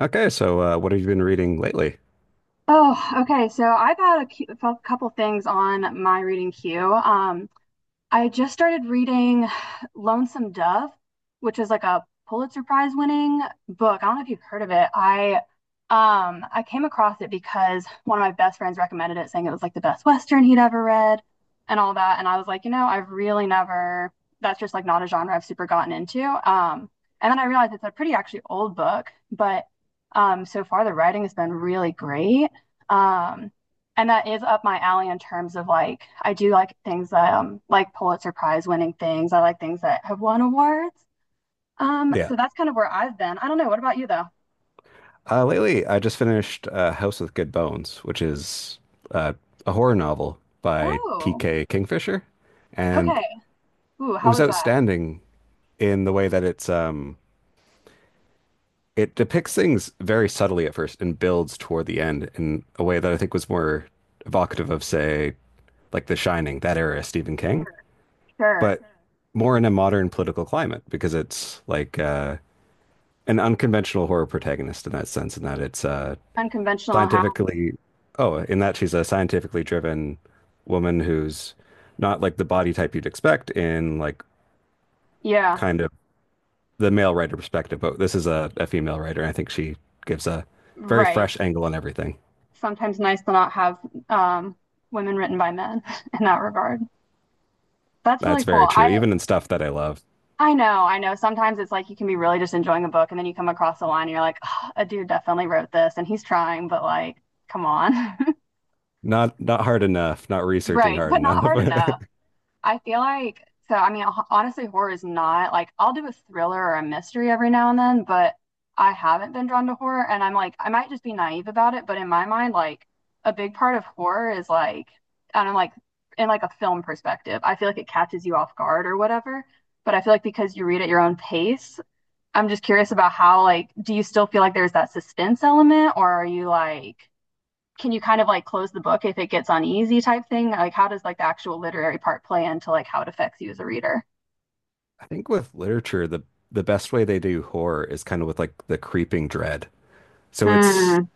What have you been reading lately? Oh, okay. So I've had a couple things on my reading queue. I just started reading Lonesome Dove, which is like a Pulitzer Prize winning book. I don't know if you've heard of it. I came across it because one of my best friends recommended it, saying it was like the best Western he'd ever read and all that. And I was like, you know, I've really never that's just like not a genre I've super gotten into. Um and then I realized it's a pretty actually old book, but so far the writing has been really great. Um and that is up my alley in terms of like I do like things that like Pulitzer Prize winning things. I like things that have won awards. Um, Yeah. so that's kind of where I've been. I don't know. What about you though? Lately, I just finished House with Good Bones, which is uh, a horror novel by Oh, T.K. Kingfisher, and okay. Ooh, it how was was that? outstanding in the way that it depicts things very subtly at first and builds toward the end in a way that I think was more evocative of, say, like The Shining, that era of Stephen King, Sure. Sure. but more in a modern political climate because it's like an unconventional horror protagonist in that sense, in that it's Unconventional how? scientifically, oh, in that she's a scientifically driven woman who's not like the body type you'd expect in like Yeah, kind of the male writer perspective, but this is a female writer. I think she gives a very right. fresh angle on everything. Sometimes nice to not have um women written by men in that regard. That's really That's very cool. true, I even in stuff that I love. I know, I know. Sometimes it's like you can be really just enjoying a book and then you come across a line and you're like, "Ugh, a dude definitely wrote this and he's trying, but like, come on." Not hard enough, not researching Right, hard but not enough. hard I enough. I feel like so. I mean, honestly, horror is not like I'll do a thriller or a mystery every now and then, but I haven't been drawn to horror, and I'm like, I might just be naive about it, but in my mind, like a big part of horror is like, I don't know, like in like a film perspective, I feel like it catches you off guard or whatever. But I feel like because you read at your own pace, I'm just curious about how like, do you still feel like there's that suspense element, or are you like, can you kind of like close the book if it gets uneasy type thing? Like how does like the actual literary part play into like how it affects you as a reader? think with literature, the best way they do horror is kind of with like the creeping dread. So it's Mm.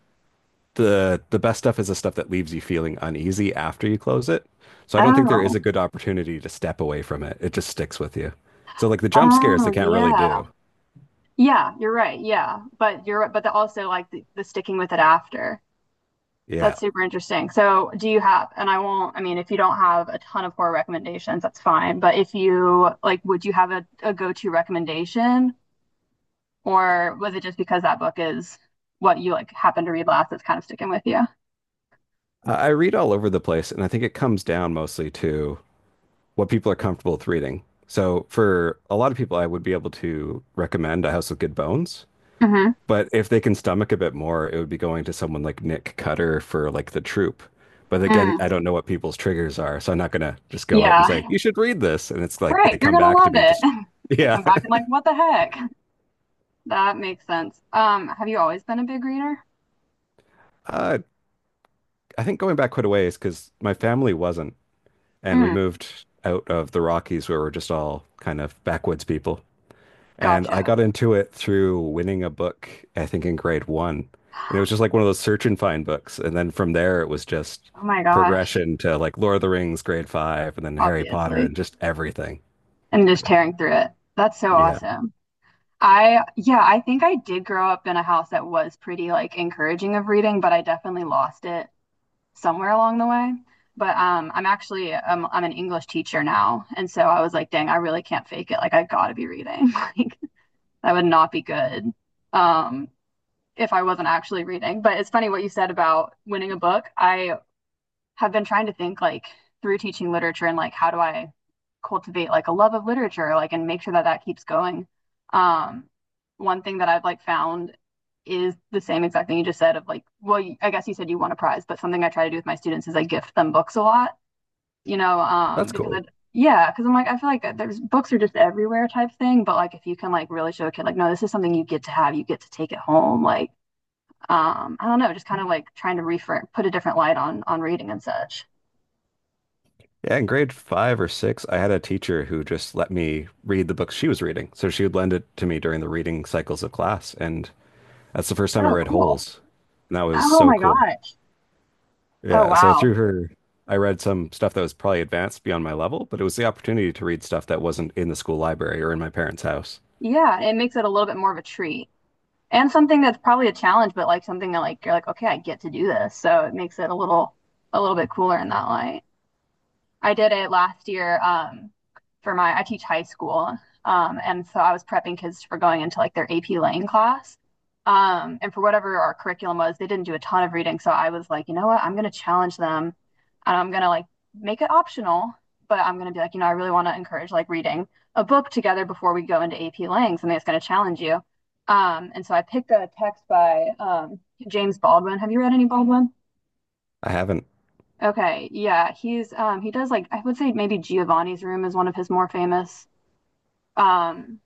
the best stuff is the stuff that leaves you feeling uneasy after you close it. So I don't think there Oh. is a good opportunity to step away from it. It just sticks with you. So like the jump scares they Oh, can't really yeah. do. Yeah, you're right. Yeah. But you're but the, also like the sticking with it after. Yeah. That's super interesting. So, do you have, and I won't, I mean if you don't have a ton of horror recommendations, that's fine, but if you like would you have a go-to recommendation, or was it just because that book is what you like happened to read last that's kind of sticking with you? I read all over the place, and I think it comes down mostly to what people are comfortable with reading. So, for a lot of people, I would be able to recommend A House with Good Bones, Mm-hmm. but if they can stomach a bit more, it would be going to someone like Nick Cutter for like The Troop. But again, I don't know what people's triggers are, so I'm not gonna just go out and say Yeah, you should read this, and it's like right. they You're come gonna back to love me it. just I yeah. come back and like, what the heck? That makes sense. Have you always been a big reader? Uh, I think going back quite a ways because my family wasn't, and we Mm, moved out of the Rockies where we're just all kind of backwoods people. And I gotcha. got into it through winning a book, I think in grade 1. And it was just like one of those search and find books. And then from there, it was just Oh my gosh, progression to like Lord of the Rings, grade 5, and then Harry Potter obviously. and just everything. And just tearing through it. That's so Yeah, awesome. I, yeah, I think I did grow up in a house that was pretty like encouraging of reading, but I definitely lost it somewhere along the way. But I'm actually I'm an English teacher now, and so I was like, dang, I really can't fake it. Like I gotta be reading. Like that would not be good. Um, if I wasn't actually reading. But it's funny what you said about winning a book. I have been trying to think like through teaching literature and like how do I cultivate like a love of literature like and make sure that that keeps going. Um, One thing that I've like found is the same exact thing you just said of like well, I guess you said you won a prize, but something I try to do with my students is I gift them books a lot, you know, that's because cool. it, yeah, because I'm like I feel like there's books are just everywhere type thing, but like if you can like really show a kid like no, this is something you get to have, you get to take it home, like I don't know, just kind of like trying to reframe, put a different light on reading and such. Yeah, in grade 5 or 6, I had a teacher who just let me read the books she was reading. So she would lend it to me during the reading cycles of class. And that's the first time I Oh, read cool. Holes. And that was Oh so my cool. gosh. Oh Yeah, so wow. through her, I read some stuff that was probably advanced beyond my level, but it was the opportunity to read stuff that wasn't in the school library or in my parents' house. Yeah, it makes it a little bit more of a treat. And something that's probably a challenge, but like something that like you're like, okay, I get to do this. So it makes it a little bit cooler in that light. I did it last year for my, I teach high school. And so I was prepping kids for going into like their AP Lang class. And for whatever our curriculum was, they didn't do a ton of reading. So I was like, you know what? I'm going to challenge them and I'm going to like make it optional, but I'm going to be like, you know, I really want to encourage like reading a book together before we go into AP Lang, something that's going to challenge you. And so I picked a text by James Baldwin. Have you read any Baldwin? I haven't, Okay, yeah, he does like I would say maybe Giovanni's Room is one of his more famous um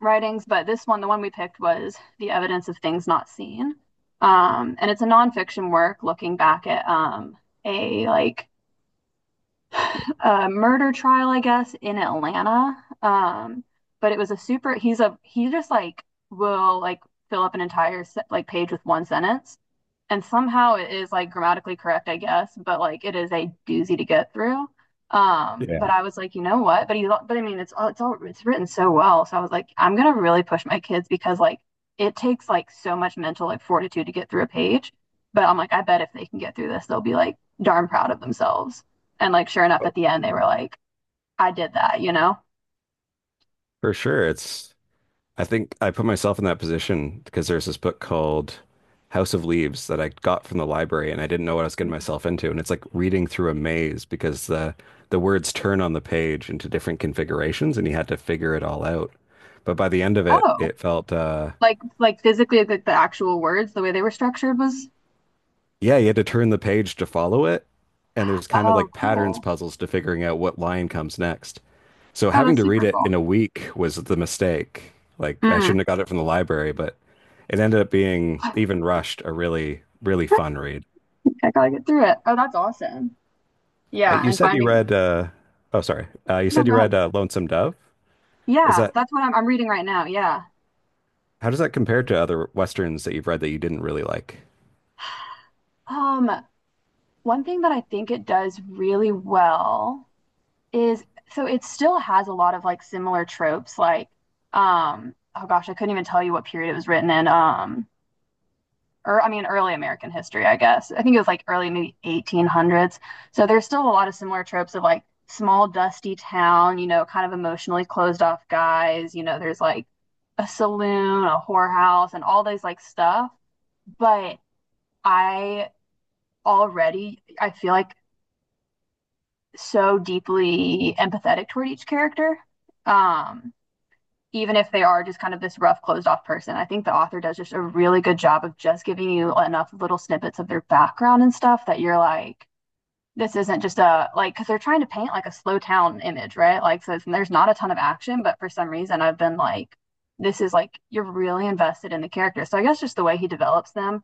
writings, but this one, the one we picked was The Evidence of Things Not Seen. And it's a nonfiction work looking back at a like a murder trial, I guess, in Atlanta. Um but it was a super he just like will like fill up an entire like page with one sentence. And somehow it is like grammatically correct, I guess, but like it is a doozy to get through. But yeah, I was like, you know what? But I mean, it's written so well. So I was like, I'm gonna really push my kids because like it takes like so much mental like fortitude to get through a page. But I'm like, I bet if they can get through this, they'll be like darn proud of themselves. And like, sure enough, at oh, the end, they were like, I did that, you know? for sure. It's, I think I put myself in that position because there's this book called House of Leaves that I got from the library and I didn't know what I was getting myself into. And it's like reading through a maze because the words turn on the page into different configurations and you had to figure it all out. But by the end of it, Oh, it felt like physically, like the actual words, the way they were structured was, yeah, you had to turn the page to follow it, and there's kind of oh, like patterns cool. puzzles to figuring out what line comes next. So Oh, having that's to read super it cool. in a week was the mistake. Like I Mm. shouldn't have got it from the library, but it ended up being even rushed a really fun read. I gotta get through it. Oh, that's awesome. Yeah, You and said you finding read uh oh sorry. You no, said you go read ahead. Lonesome Dove. Is Yeah, that that's what I'm reading right now. Yeah. how does that compare to other westerns that you've read that you didn't really like? Um, one thing that I think it does really well is so it still has a lot of like similar tropes, like oh gosh, I couldn't even tell you what period it was written in. Or I mean, early American history, I guess. I think it was like early maybe 1800s. So there's still a lot of similar tropes of like small, dusty town, you know, kind of emotionally closed off guys. You know, there's like a saloon, a whorehouse, and all those like stuff. But I already, I feel like so deeply empathetic toward each character. Um, even if they are just kind of this rough, closed off person. I think the author does just a really good job of just giving you enough little snippets of their background and stuff that you're like, this isn't just a like because they're trying to paint like a slow town image, right? Like, so it's, there's not a ton of action, but for some reason, I've been like, this is like you're really invested in the character. So I guess just the way he develops them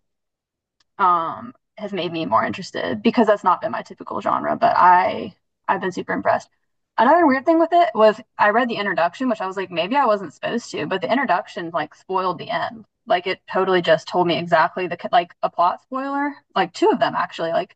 has made me more interested because that's not been my typical genre, but I've been super impressed. Another weird thing with it was I read the introduction, which I was like, maybe I wasn't supposed to, but the introduction like spoiled the end. Like it totally just told me exactly the like a plot spoiler, like two of them actually, like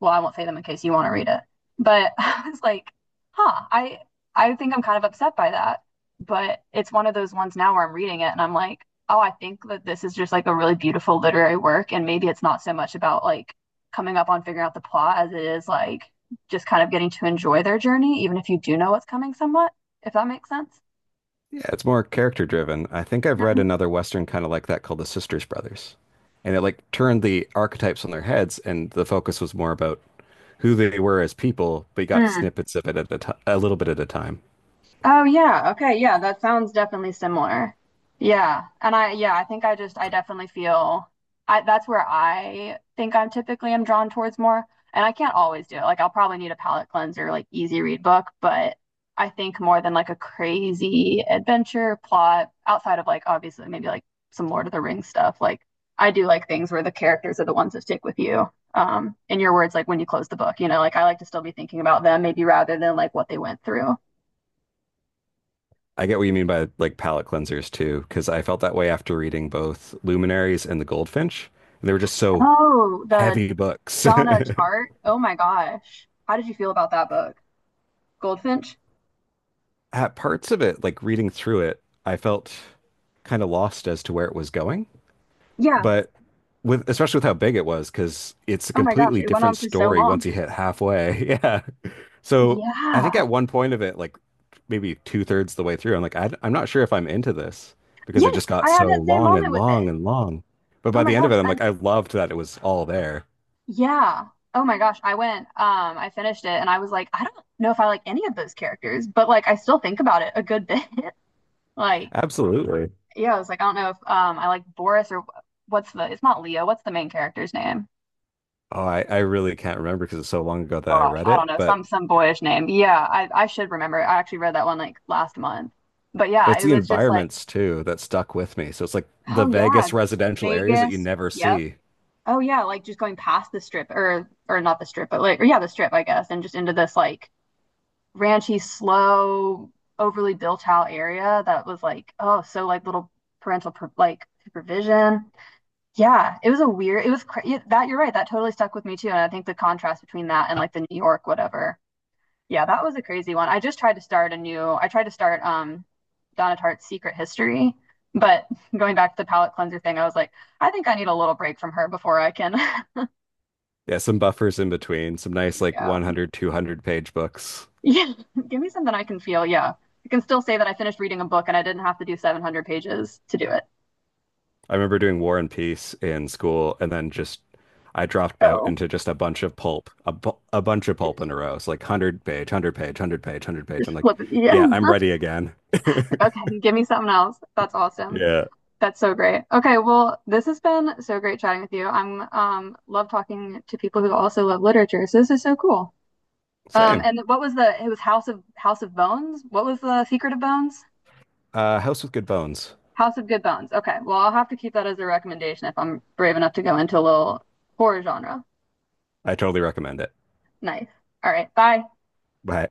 well, I won't say them in case you want to read it. But I was like, huh, I think I'm kind of upset by that. But it's one of those ones now where I'm reading it and I'm like, oh, I think that this is just like a really beautiful literary work. And maybe it's not so much about like coming up on figuring out the plot as it is like just kind of getting to enjoy their journey, even if you do know what's coming somewhat, if that makes sense. Yeah, it's more character driven. I think I've read Mhm. another Western kind of like that called The Sisters Brothers. And it like turned the archetypes on their heads, and the focus was more about who they were as people, but you got snippets of it at a, t a little bit at a time. Oh yeah, okay, yeah, that sounds definitely similar. Yeah. And I think I just I definitely feel I that's where I think I'm typically am drawn towards more. And I can't always do it. Like I'll probably need a palate cleanser, like easy read book, but I think more than like a crazy adventure plot outside of like obviously maybe like some Lord of the Rings stuff. Like I do like things where the characters are the ones that stick with you. In your words, like when you close the book, you know, like I like to still be thinking about them, maybe rather than like what they went through. I get what you mean by like palate cleansers too, because I felt that way after reading both Luminaries and The Goldfinch. They were just so Oh, the heavy books. Donna Tartt. Oh my gosh. How did you feel about that book? Goldfinch? At parts of it, like reading through it, I felt kind of lost as to where it was going. Yeah. But with especially with how big it was, because it's a Oh my gosh, completely it went different on for so story long. once you hit halfway. Yeah. So I think Yeah. at one point of it, like maybe two-thirds the way through, I'm like, I'm not sure if I'm into this because it just Yes, got I had so that same long moment and with it. long and long. But Oh by my the end of gosh. it, I'm And like, I loved that it was all there. yeah. Oh my gosh, I went, I finished it and I was like, I don't know if I like any of those characters, but like I still think about it a good bit. Like, Absolutely. yeah, I was like, I don't know if I like Boris or what's the, it's not Leo, what's the main character's name? Oh, I really can't remember because it's so long ago that I Gosh, read I don't it, know, some boyish name. Yeah, I should remember. I actually read that one like last month. But but yeah, it's it the was just like, environments too that stuck with me. So it's like oh the yeah, Vegas residential areas that you Vegas. never Yep. see. Oh yeah, like just going past the strip, or not the strip, but like or yeah, the strip, I guess, and just into this like ranchy, slow, overly built out area that was like, oh, so like little parental per like supervision. Yeah, it was a weird, it was cra yeah, that you're right, that totally stuck with me too. And I think the contrast between that and like the New York whatever, yeah, that was a crazy one. I tried to start Donna Tartt's Secret History, but going back to the palate cleanser thing, I was like, I think I need a little break from her before I can, Yeah, some buffers in between, some nice like yeah, 100, 200 page books. yeah, give me something I can feel. Yeah, I can still say that I finished reading a book and I didn't have to do 700 pages to do it. I remember doing War and Peace in school and then just I dropped out Oh, into just a bunch of pulp, a bunch of pulp in a row. It's like 100 page, 100 page, 100 page, 100 page. just I'm like, flip it. Yeah. yeah, I'm ready again. Okay, give me something else. That's awesome. Yeah. That's so great. Okay, well, this has been so great chatting with you. I'm love talking to people who also love literature, so this is so cool. Same. And what was the, it was House of Bones? What was the Secret of Bones? House with Good Bones. House of Good Bones. Okay. Well, I'll have to keep that as a recommendation if I'm brave enough to go into a little horror genre. I totally recommend it. Nice. All right. Bye. Bye.